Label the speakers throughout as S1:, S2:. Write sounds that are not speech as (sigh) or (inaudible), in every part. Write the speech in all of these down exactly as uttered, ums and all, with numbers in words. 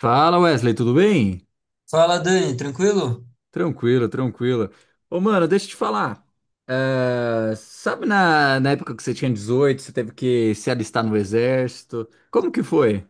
S1: Fala Wesley, tudo bem?
S2: Fala, Dani, tranquilo?
S1: Tranquilo, tranquilo. Ô mano, deixa eu te falar. É, sabe na, na época que você tinha dezoito, você teve que se alistar no exército? Como que foi?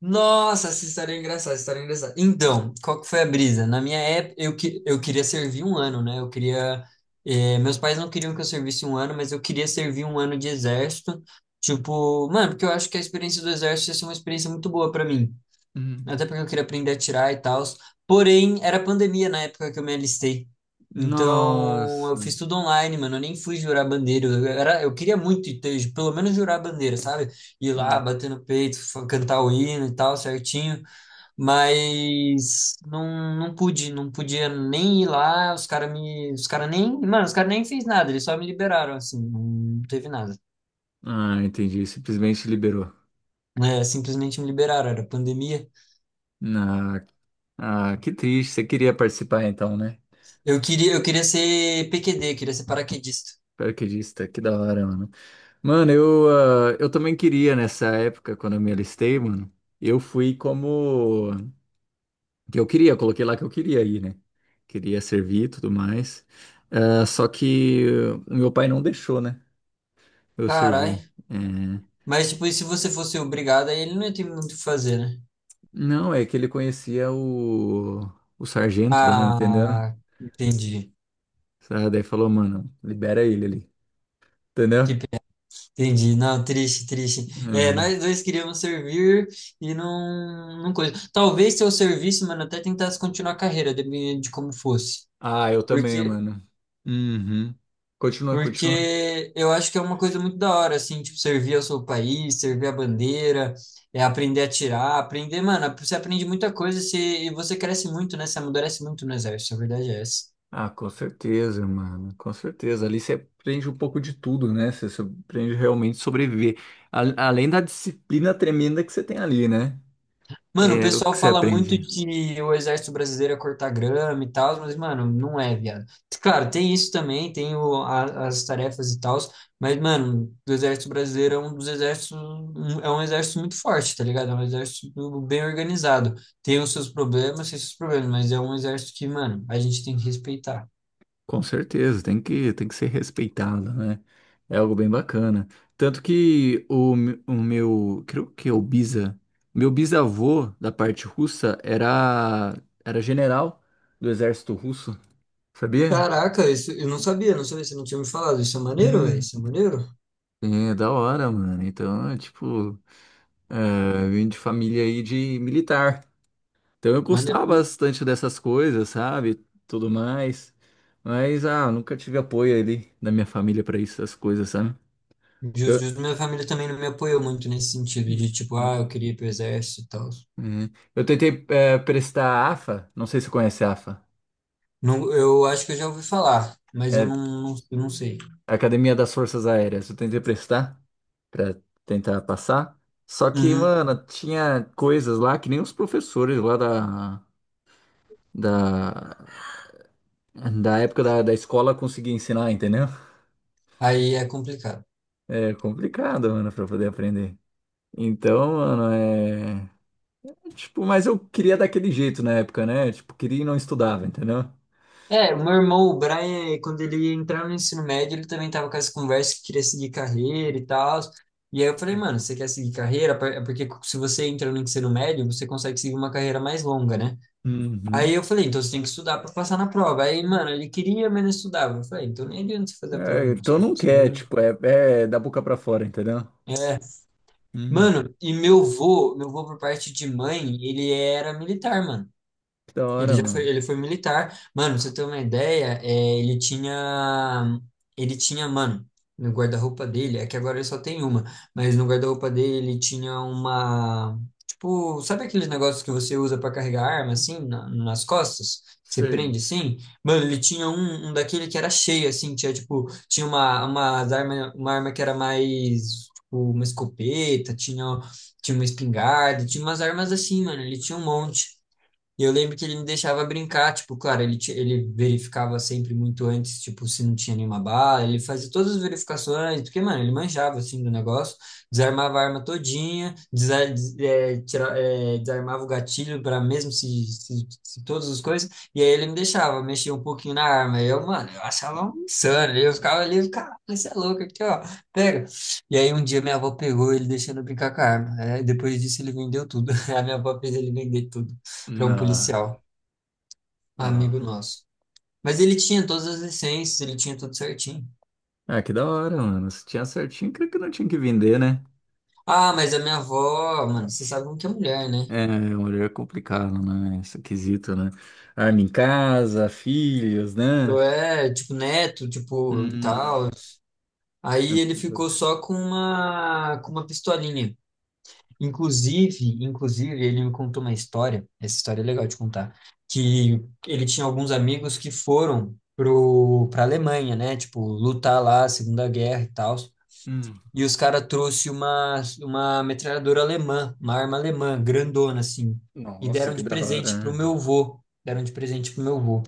S2: Nossa, essa história é engraçada, essa história é engraçada. Então, qual que foi a brisa? Na minha época, eu, que, eu queria servir um ano, né? Eu queria. Eh, meus pais não queriam que eu servisse um ano, mas eu queria servir um ano de exército. Tipo, mano, porque eu acho que a experiência do exército ia ser uma experiência muito boa pra mim.
S1: Hum.
S2: Até porque eu queria aprender a tirar e tal. Porém, era pandemia na época que eu me alistei. Então, eu
S1: Nossa.
S2: fiz tudo online, mano. Eu nem fui jurar bandeira. Eu, era, eu queria muito ter, pelo menos jurar bandeira, sabe? Ir lá,
S1: Hum.
S2: bater no peito, fa- cantar o hino e tal, certinho. Mas não, não pude, não podia nem ir lá. Os caras me. Os caras nem. Mano, os caras nem fez nada, eles só me liberaram, assim. Não teve nada.
S1: Ah, entendi. Simplesmente liberou.
S2: É, simplesmente me liberaram, era pandemia.
S1: Ah, ah, que triste. Você queria participar então, né?
S2: Eu queria, eu queria ser P Q D, queria ser paraquedista.
S1: Paraquedista, que da hora, mano. Mano, eu, ah, eu também queria nessa época, quando eu me alistei, mano. Eu fui como. Que eu queria, eu coloquei lá que eu queria ir, né? Queria servir e tudo mais. Ah, só que eh, o meu pai não deixou, né? Eu servir.
S2: Carai.
S1: É.
S2: Mas, tipo, e se você fosse obrigado, aí ele não ia ter muito o que fazer, né?
S1: Não, é que ele conhecia o, o sargento lá, entendeu?
S2: Ah, entendi.
S1: Sabe? Daí falou, mano, libera ele ali,
S2: Que
S1: entendeu?
S2: pena. Entendi. Não, triste, triste. É,
S1: Uhum.
S2: nós dois queríamos servir e não, não coisa. Talvez se eu servisse, mano, até tentasse continuar a carreira, dependendo de como fosse.
S1: Ah, eu também,
S2: Porque,
S1: mano. Uhum. Continua, continua.
S2: porque eu acho que é uma coisa muito da hora, assim, tipo, servir ao seu país, servir a bandeira, é aprender a tirar, aprender, mano, você aprende muita coisa se, e você cresce muito, né? Você amadurece muito no exército, a verdade é essa.
S1: Ah, com certeza, mano, com certeza. Ali você aprende um pouco de tudo, né? Você so- aprende realmente a sobreviver. A- além da disciplina tremenda que você tem ali, né?
S2: Mano, o
S1: É o
S2: pessoal
S1: que você
S2: fala muito
S1: aprende.
S2: que o exército brasileiro é cortar grama e tal, mas, mano, não é, viado. Claro, tem isso também, tem o- a- as tarefas e tal, mas, mano, o exército brasileiro é um dos exércitos, um- é um exército muito forte, tá ligado? É um exército bem organizado. Tem os seus problemas, tem os seus problemas, mas é um exército que, mano, a gente tem que respeitar.
S1: Com certeza, tem que, tem que ser respeitado, né? É algo bem bacana. Tanto que o, me- o meu, creio que é o Biza, meu bisavô da parte russa era, era general do exército russo, sabia?
S2: Caraca, isso eu não sabia, não sabia, você não tinha me falado. Isso é maneiro, velho,
S1: Hum.
S2: isso é maneiro.
S1: É, da hora, mano. Então, é tipo. Ah, eu vim de família aí de militar. Então eu gostava
S2: Maneiro.
S1: bastante dessas coisas, sabe? Tudo mais. Mas, ah, nunca tive apoio ali da minha família para essas coisas, sabe? Eu,
S2: Justo, justo. Minha família também não me apoiou muito nesse sentido de tipo, ah,
S1: Uhum.
S2: eu queria ir pro exército e tal.
S1: Uhum. Eu tentei eh, prestar a AFA, não sei se você conhece a AFA,
S2: Não, eu acho que eu já ouvi falar, mas eu
S1: é
S2: não, não, eu não sei.
S1: Academia das Forças Aéreas. Eu tentei prestar para tentar passar, só que,
S2: Uhum.
S1: mano, tinha coisas lá que nem os professores lá da, da, da época da, da escola conseguiam ensinar, entendeu?
S2: Aí é complicado.
S1: É complicado, mano, pra poder aprender. Então, mano, é. Tipo, mas eu queria daquele jeito na época, né? Tipo, queria e não estudava, entendeu?
S2: É, o meu irmão, o Brian, quando ele entrava no ensino médio, ele também tava com essa conversa que queria seguir carreira e tal. E aí eu falei, mano, você quer seguir carreira? Por- É porque se você entra no ensino médio, você consegue seguir uma carreira mais longa, né? Aí
S1: Uhum.
S2: eu falei, então você tem que estudar pra passar na prova. Aí, mano, ele queria, mas não estudava. Eu falei, então nem adianta você fazer a prova,
S1: É,
S2: moço.
S1: então
S2: Não
S1: não quer,
S2: precisa-
S1: tipo, é, é da boca pra fora, entendeu?
S2: É.
S1: Hum,
S2: Mano, e meu vô, meu vô por parte de mãe, ele era militar, mano.
S1: que da
S2: Ele
S1: hora,
S2: já foi,
S1: mano.
S2: ele foi militar. Mano, pra você ter uma ideia, é, ele tinha, ele tinha, mano, no guarda-roupa dele, é que agora ele só tem uma, mas no guarda-roupa dele ele tinha uma, tipo, sabe aqueles negócios que você usa pra carregar arma, assim, na- nas costas? Que Você
S1: Sei.
S2: prende, assim? Mano, ele tinha um, um daquele que era cheio, assim, tinha, tipo, tinha uma, uma arma, uma arma que era mais, tipo, uma escopeta, tinha, tinha uma espingarda, tinha umas armas assim, mano, ele tinha um monte. E eu lembro que ele me deixava brincar, tipo, claro, ele, ti- ele verificava sempre muito antes, tipo, se não tinha nenhuma bala, ele fazia todas as verificações, porque, mano, ele manjava, assim, do negócio, desarmava a arma todinha, desa- des- é, tira- é, desarmava o gatilho para mesmo se, se, se todas as coisas, e aí ele me deixava mexer um pouquinho na arma, e eu, mano, eu achava um insano, eu ficava ali, cara, você é louco aqui, ó, pega. E aí um dia minha avó pegou ele deixando eu brincar com a arma, né? Depois disso ele vendeu tudo, (laughs) a minha avó fez ele vender tudo para um
S1: Não,
S2: policial,
S1: não.
S2: amigo nosso. Mas ele tinha todas as licenças, ele tinha tudo certinho.
S1: Ah, que da hora, mano. Se tinha certinho, creio que não tinha que vender, né?
S2: Ah, mas a minha avó, mano, vocês sabem que é mulher, né?
S1: É, mulher é complicado, né? Esse quesito, né? Arma em casa, filhos,
S2: Eu
S1: né?
S2: é, tipo, neto, tipo,
S1: Hum,
S2: tal. Aí ele ficou só com uma, com uma pistolinha. Inclusive, inclusive, ele me contou uma história, essa história é legal de contar, que ele tinha alguns amigos que foram pro, pra Alemanha, né? Tipo, lutar lá, Segunda Guerra e tal.
S1: hum.
S2: E os caras trouxe uma, uma metralhadora alemã, uma arma alemã, grandona, assim. E
S1: Nossa,
S2: deram
S1: que
S2: de
S1: da
S2: presente pro
S1: hora.
S2: meu vô. Deram de presente pro meu vô.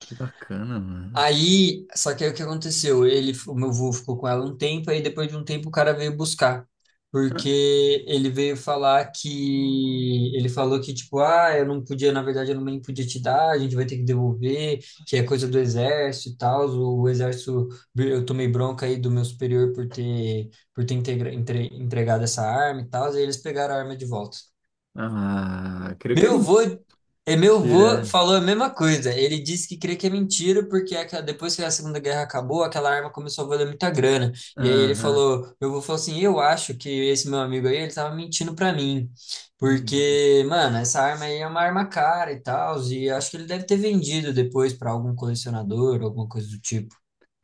S1: Que bacana, mano.
S2: Aí, só que aí o que aconteceu? Ele, o meu avô ficou com ela um tempo, aí depois de um tempo o cara veio buscar. Porque ele veio falar que. Ele falou que, tipo, ah, eu não podia, na verdade, eu não podia te dar, a gente vai ter que devolver, que é coisa do exército e tal. O, o exército, eu tomei bronca aí do meu superior por ter, por ter integra- entre- entregado essa arma e tal, e eles pegaram a arma de volta.
S1: Ah, creio que é
S2: Meu avô, é, meu avô
S1: mentira.
S2: falou a mesma coisa. Ele disse que crê que é mentira, porque é aquela- depois que a Segunda Guerra acabou, aquela arma começou a valer muita grana. E aí ele
S1: Aham.
S2: falou, meu avô falou assim, eu acho que esse meu amigo aí, ele tava mentindo pra mim.
S1: Hum.
S2: Porque, mano, essa arma aí é uma arma cara e tal, e acho que ele deve ter vendido depois pra algum colecionador, alguma coisa do tipo.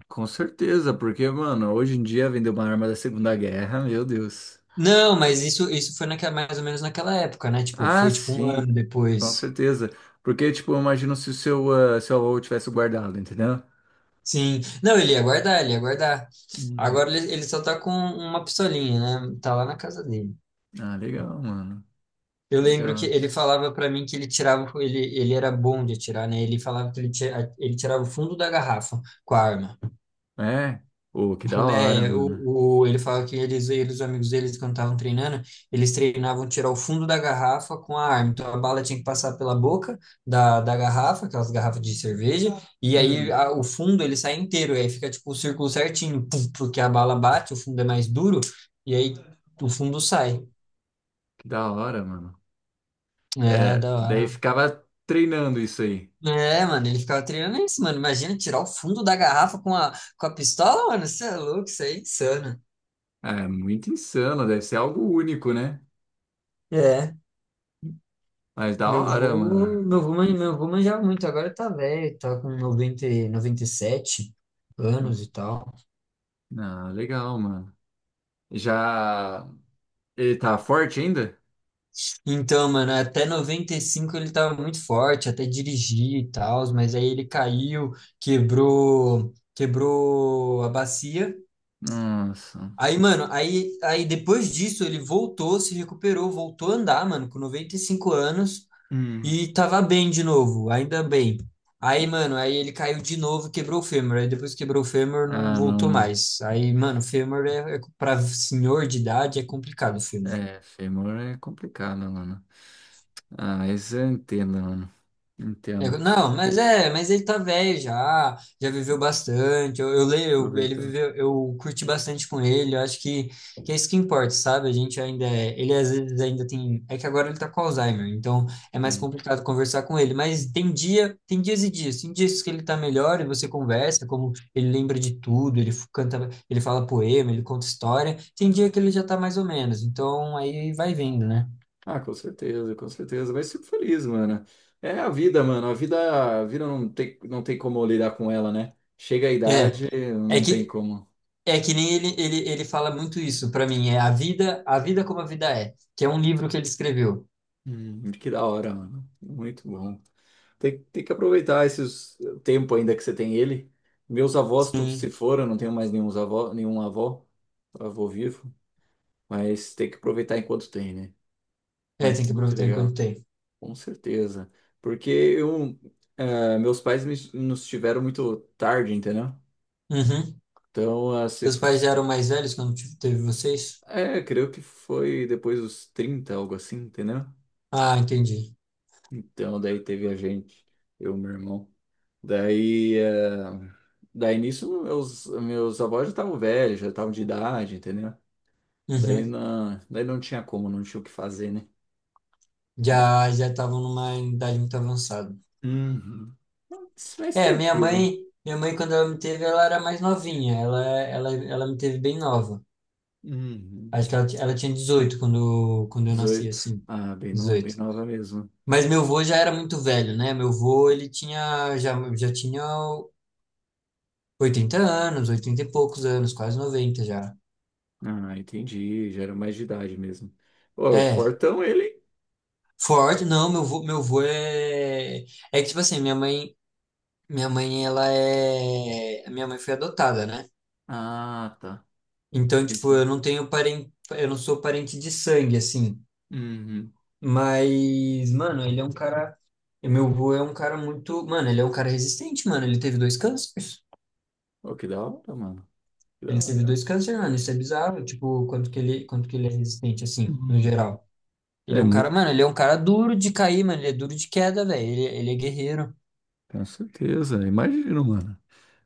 S1: Com certeza, porque, mano, hoje em dia vender uma arma da Segunda Guerra, meu Deus.
S2: Não, mas isso, isso foi naquela, mais ou menos naquela época, né? Tipo,
S1: Ah,
S2: foi tipo um ano
S1: sim, com
S2: depois.
S1: certeza. Porque, tipo, eu imagino se o seu, ah, seu avô tivesse guardado, entendeu?
S2: Sim. Não, ele ia guardar, ele ia guardar.
S1: Hum.
S2: Agora ele, ele só tá com uma pistolinha, né? Tá lá na casa dele.
S1: Ah, legal, mano.
S2: Eu lembro que
S1: Legal.
S2: ele falava pra mim que ele tirava, ele, ele era bom de atirar, né? Ele falava que ele, tira, ele tirava o fundo da garrafa com a arma.
S1: É? Ô, que da hora,
S2: É,
S1: mano.
S2: o, o- ele fala que eles, eles, os amigos deles, quando estavam treinando, eles treinavam tirar o fundo da garrafa com a arma. Então a bala tinha que passar pela boca da, da garrafa, aquelas garrafas de cerveja, e aí
S1: Hum,
S2: a- o fundo ele sai inteiro, e aí fica tipo o círculo certinho, pum, porque a bala bate, o fundo é mais duro, e aí o fundo sai.
S1: que da hora, mano.
S2: É,
S1: É,
S2: da
S1: daí
S2: hora.
S1: ficava treinando isso aí.
S2: É, mano, ele ficava treinando isso, mano. Imagina tirar o fundo da garrafa com a, com a pistola, mano. Isso é louco, isso aí é insano.
S1: É muito insano, deve ser algo único, né?
S2: É.
S1: Mas da
S2: Meu
S1: hora, mano.
S2: vô, meu vô, man- meu vô manjava muito, agora tá velho, tá com noventa e noventa e sete anos e tal.
S1: Ah, legal, mano. Já. Ele tá forte ainda?
S2: Então, mano, até noventa e cinco ele tava muito forte, até dirigir e tal, mas aí ele caiu, quebrou, quebrou a bacia.
S1: Nossa.
S2: Aí, mano, aí, aí depois disso ele voltou, se recuperou, voltou a andar, mano, com noventa e cinco anos.
S1: Hum.
S2: E tava bem de novo, ainda bem. Aí, mano, aí ele caiu de novo, e quebrou o fêmur. Aí depois que quebrou o fêmur, não
S1: Ah,
S2: voltou
S1: não.
S2: mais. Aí, mano, fêmur é, é para senhor de idade é complicado o fêmur.
S1: É, fêmur é complicado, mano. Ah, isso eu entendo, mano.
S2: É,
S1: Entendo.
S2: não, mas é, mas ele tá velho já, já viveu bastante. Eu, eu leio, eu- ele
S1: Aproveita.
S2: viveu, eu curti bastante com ele. Eu acho que, que é isso que importa, sabe? A gente ainda é, ele às vezes ainda tem, é que agora ele tá com Alzheimer, então é mais
S1: Sim.
S2: complicado conversar com ele. Mas tem dia, tem dias e dias, tem dias que ele tá melhor e você conversa, como ele lembra de tudo, ele f- canta, ele fala poema, ele conta história. Tem dia que ele já tá mais ou menos, então aí vai vendo, né?
S1: Ah, com certeza, com certeza. Vai ser feliz, mano. É a vida, mano. A vida, a vida não tem, não tem como lidar com ela, né? Chega a
S2: É.
S1: idade,
S2: É
S1: não tem
S2: que
S1: como.
S2: É que nem ele, ele, ele fala muito isso pra mim, é a vida, a vida como a vida é, que é um livro que ele escreveu.
S1: Hum, que da hora, mano. Muito bom. Tem, tem que aproveitar esses eh, tempo ainda que você tem ele. Meus avós todos
S2: Sim.
S1: se foram, eu não tenho mais nenhum avó, nenhum avó, avô vivo, mas tem que aproveitar enquanto tem, né?
S2: É,
S1: Mas
S2: tem que
S1: muito
S2: aproveitar
S1: legal,
S2: enquanto tem.
S1: com certeza. Porque eu, eh, meus pais me, nos tiveram muito tarde, entendeu?
S2: Uhum.
S1: Então, ah, se,
S2: Seus pais
S1: f-
S2: já eram mais velhos quando te- teve vocês?
S1: é, creio que foi depois dos trinta algo assim, entendeu?
S2: Ah, entendi.
S1: Então, daí teve a gente, eu, meu irmão. Daí, eh, daí nisso, meus, meus avós já estavam velhos, já estavam de idade, entendeu? Daí,
S2: Uhum.
S1: na, daí não tinha como, não tinha o que fazer, né? Mas,
S2: Já já estavam numa idade muito avançada.
S1: Uhum. Mas
S2: É, minha
S1: tranquilo.
S2: mãe, minha mãe quando ela me teve, ela era mais novinha, ela ela ela me teve bem nova.
S1: Uhum.
S2: Acho que ela, ti- ela tinha dezoito quando quando eu nasci
S1: dezoito.
S2: assim.
S1: Ah, bem, no, bem
S2: Dezoito.
S1: nova mesmo.
S2: Mas meu avô já era muito velho, né? Meu avô, ele tinha, já, já tinha oitenta anos, oitenta e poucos anos, quase noventa já.
S1: Ah, entendi. Já era mais de idade mesmo. Ô, o
S2: É,
S1: Fortão, ele. Hein?
S2: forte, não, meu avô, meu avô é... É que, tipo assim, minha mãe, minha mãe, ela é... A minha mãe foi adotada, né?
S1: Ah, tá.
S2: Então, tipo, eu
S1: Entendi.
S2: não tenho parente, eu não sou parente de sangue, assim.
S1: Uhum.
S2: Mas, mano, ele é um cara... Meu avô é um cara muito... Mano, ele é um cara resistente, mano. Ele teve dois cânceres.
S1: Ô, que da hora, mano. Que
S2: Ele
S1: da
S2: teve
S1: hora.
S2: dois câncer, mano, isso é bizarro, tipo, quanto que ele, quanto que ele é resistente, assim, no
S1: Uhum.
S2: geral. Ele
S1: É
S2: é um cara,
S1: muito
S2: mano, ele é um cara duro de cair, mano, ele é duro de queda, velho, ele, ele é guerreiro.
S1: Com certeza, imagino, mano.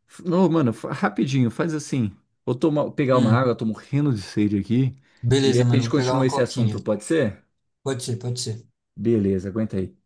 S1: F- Não, mano, fa- rapidinho, faz assim. Vou tomar, pegar uma
S2: Hum,
S1: água, tô morrendo de sede aqui. E
S2: beleza,
S1: a
S2: mano,
S1: gente
S2: vou pegar
S1: continua
S2: uma
S1: esse
S2: coquinha.
S1: assunto, pode ser?
S2: Pode ser, pode ser.
S1: Beleza, aguenta aí.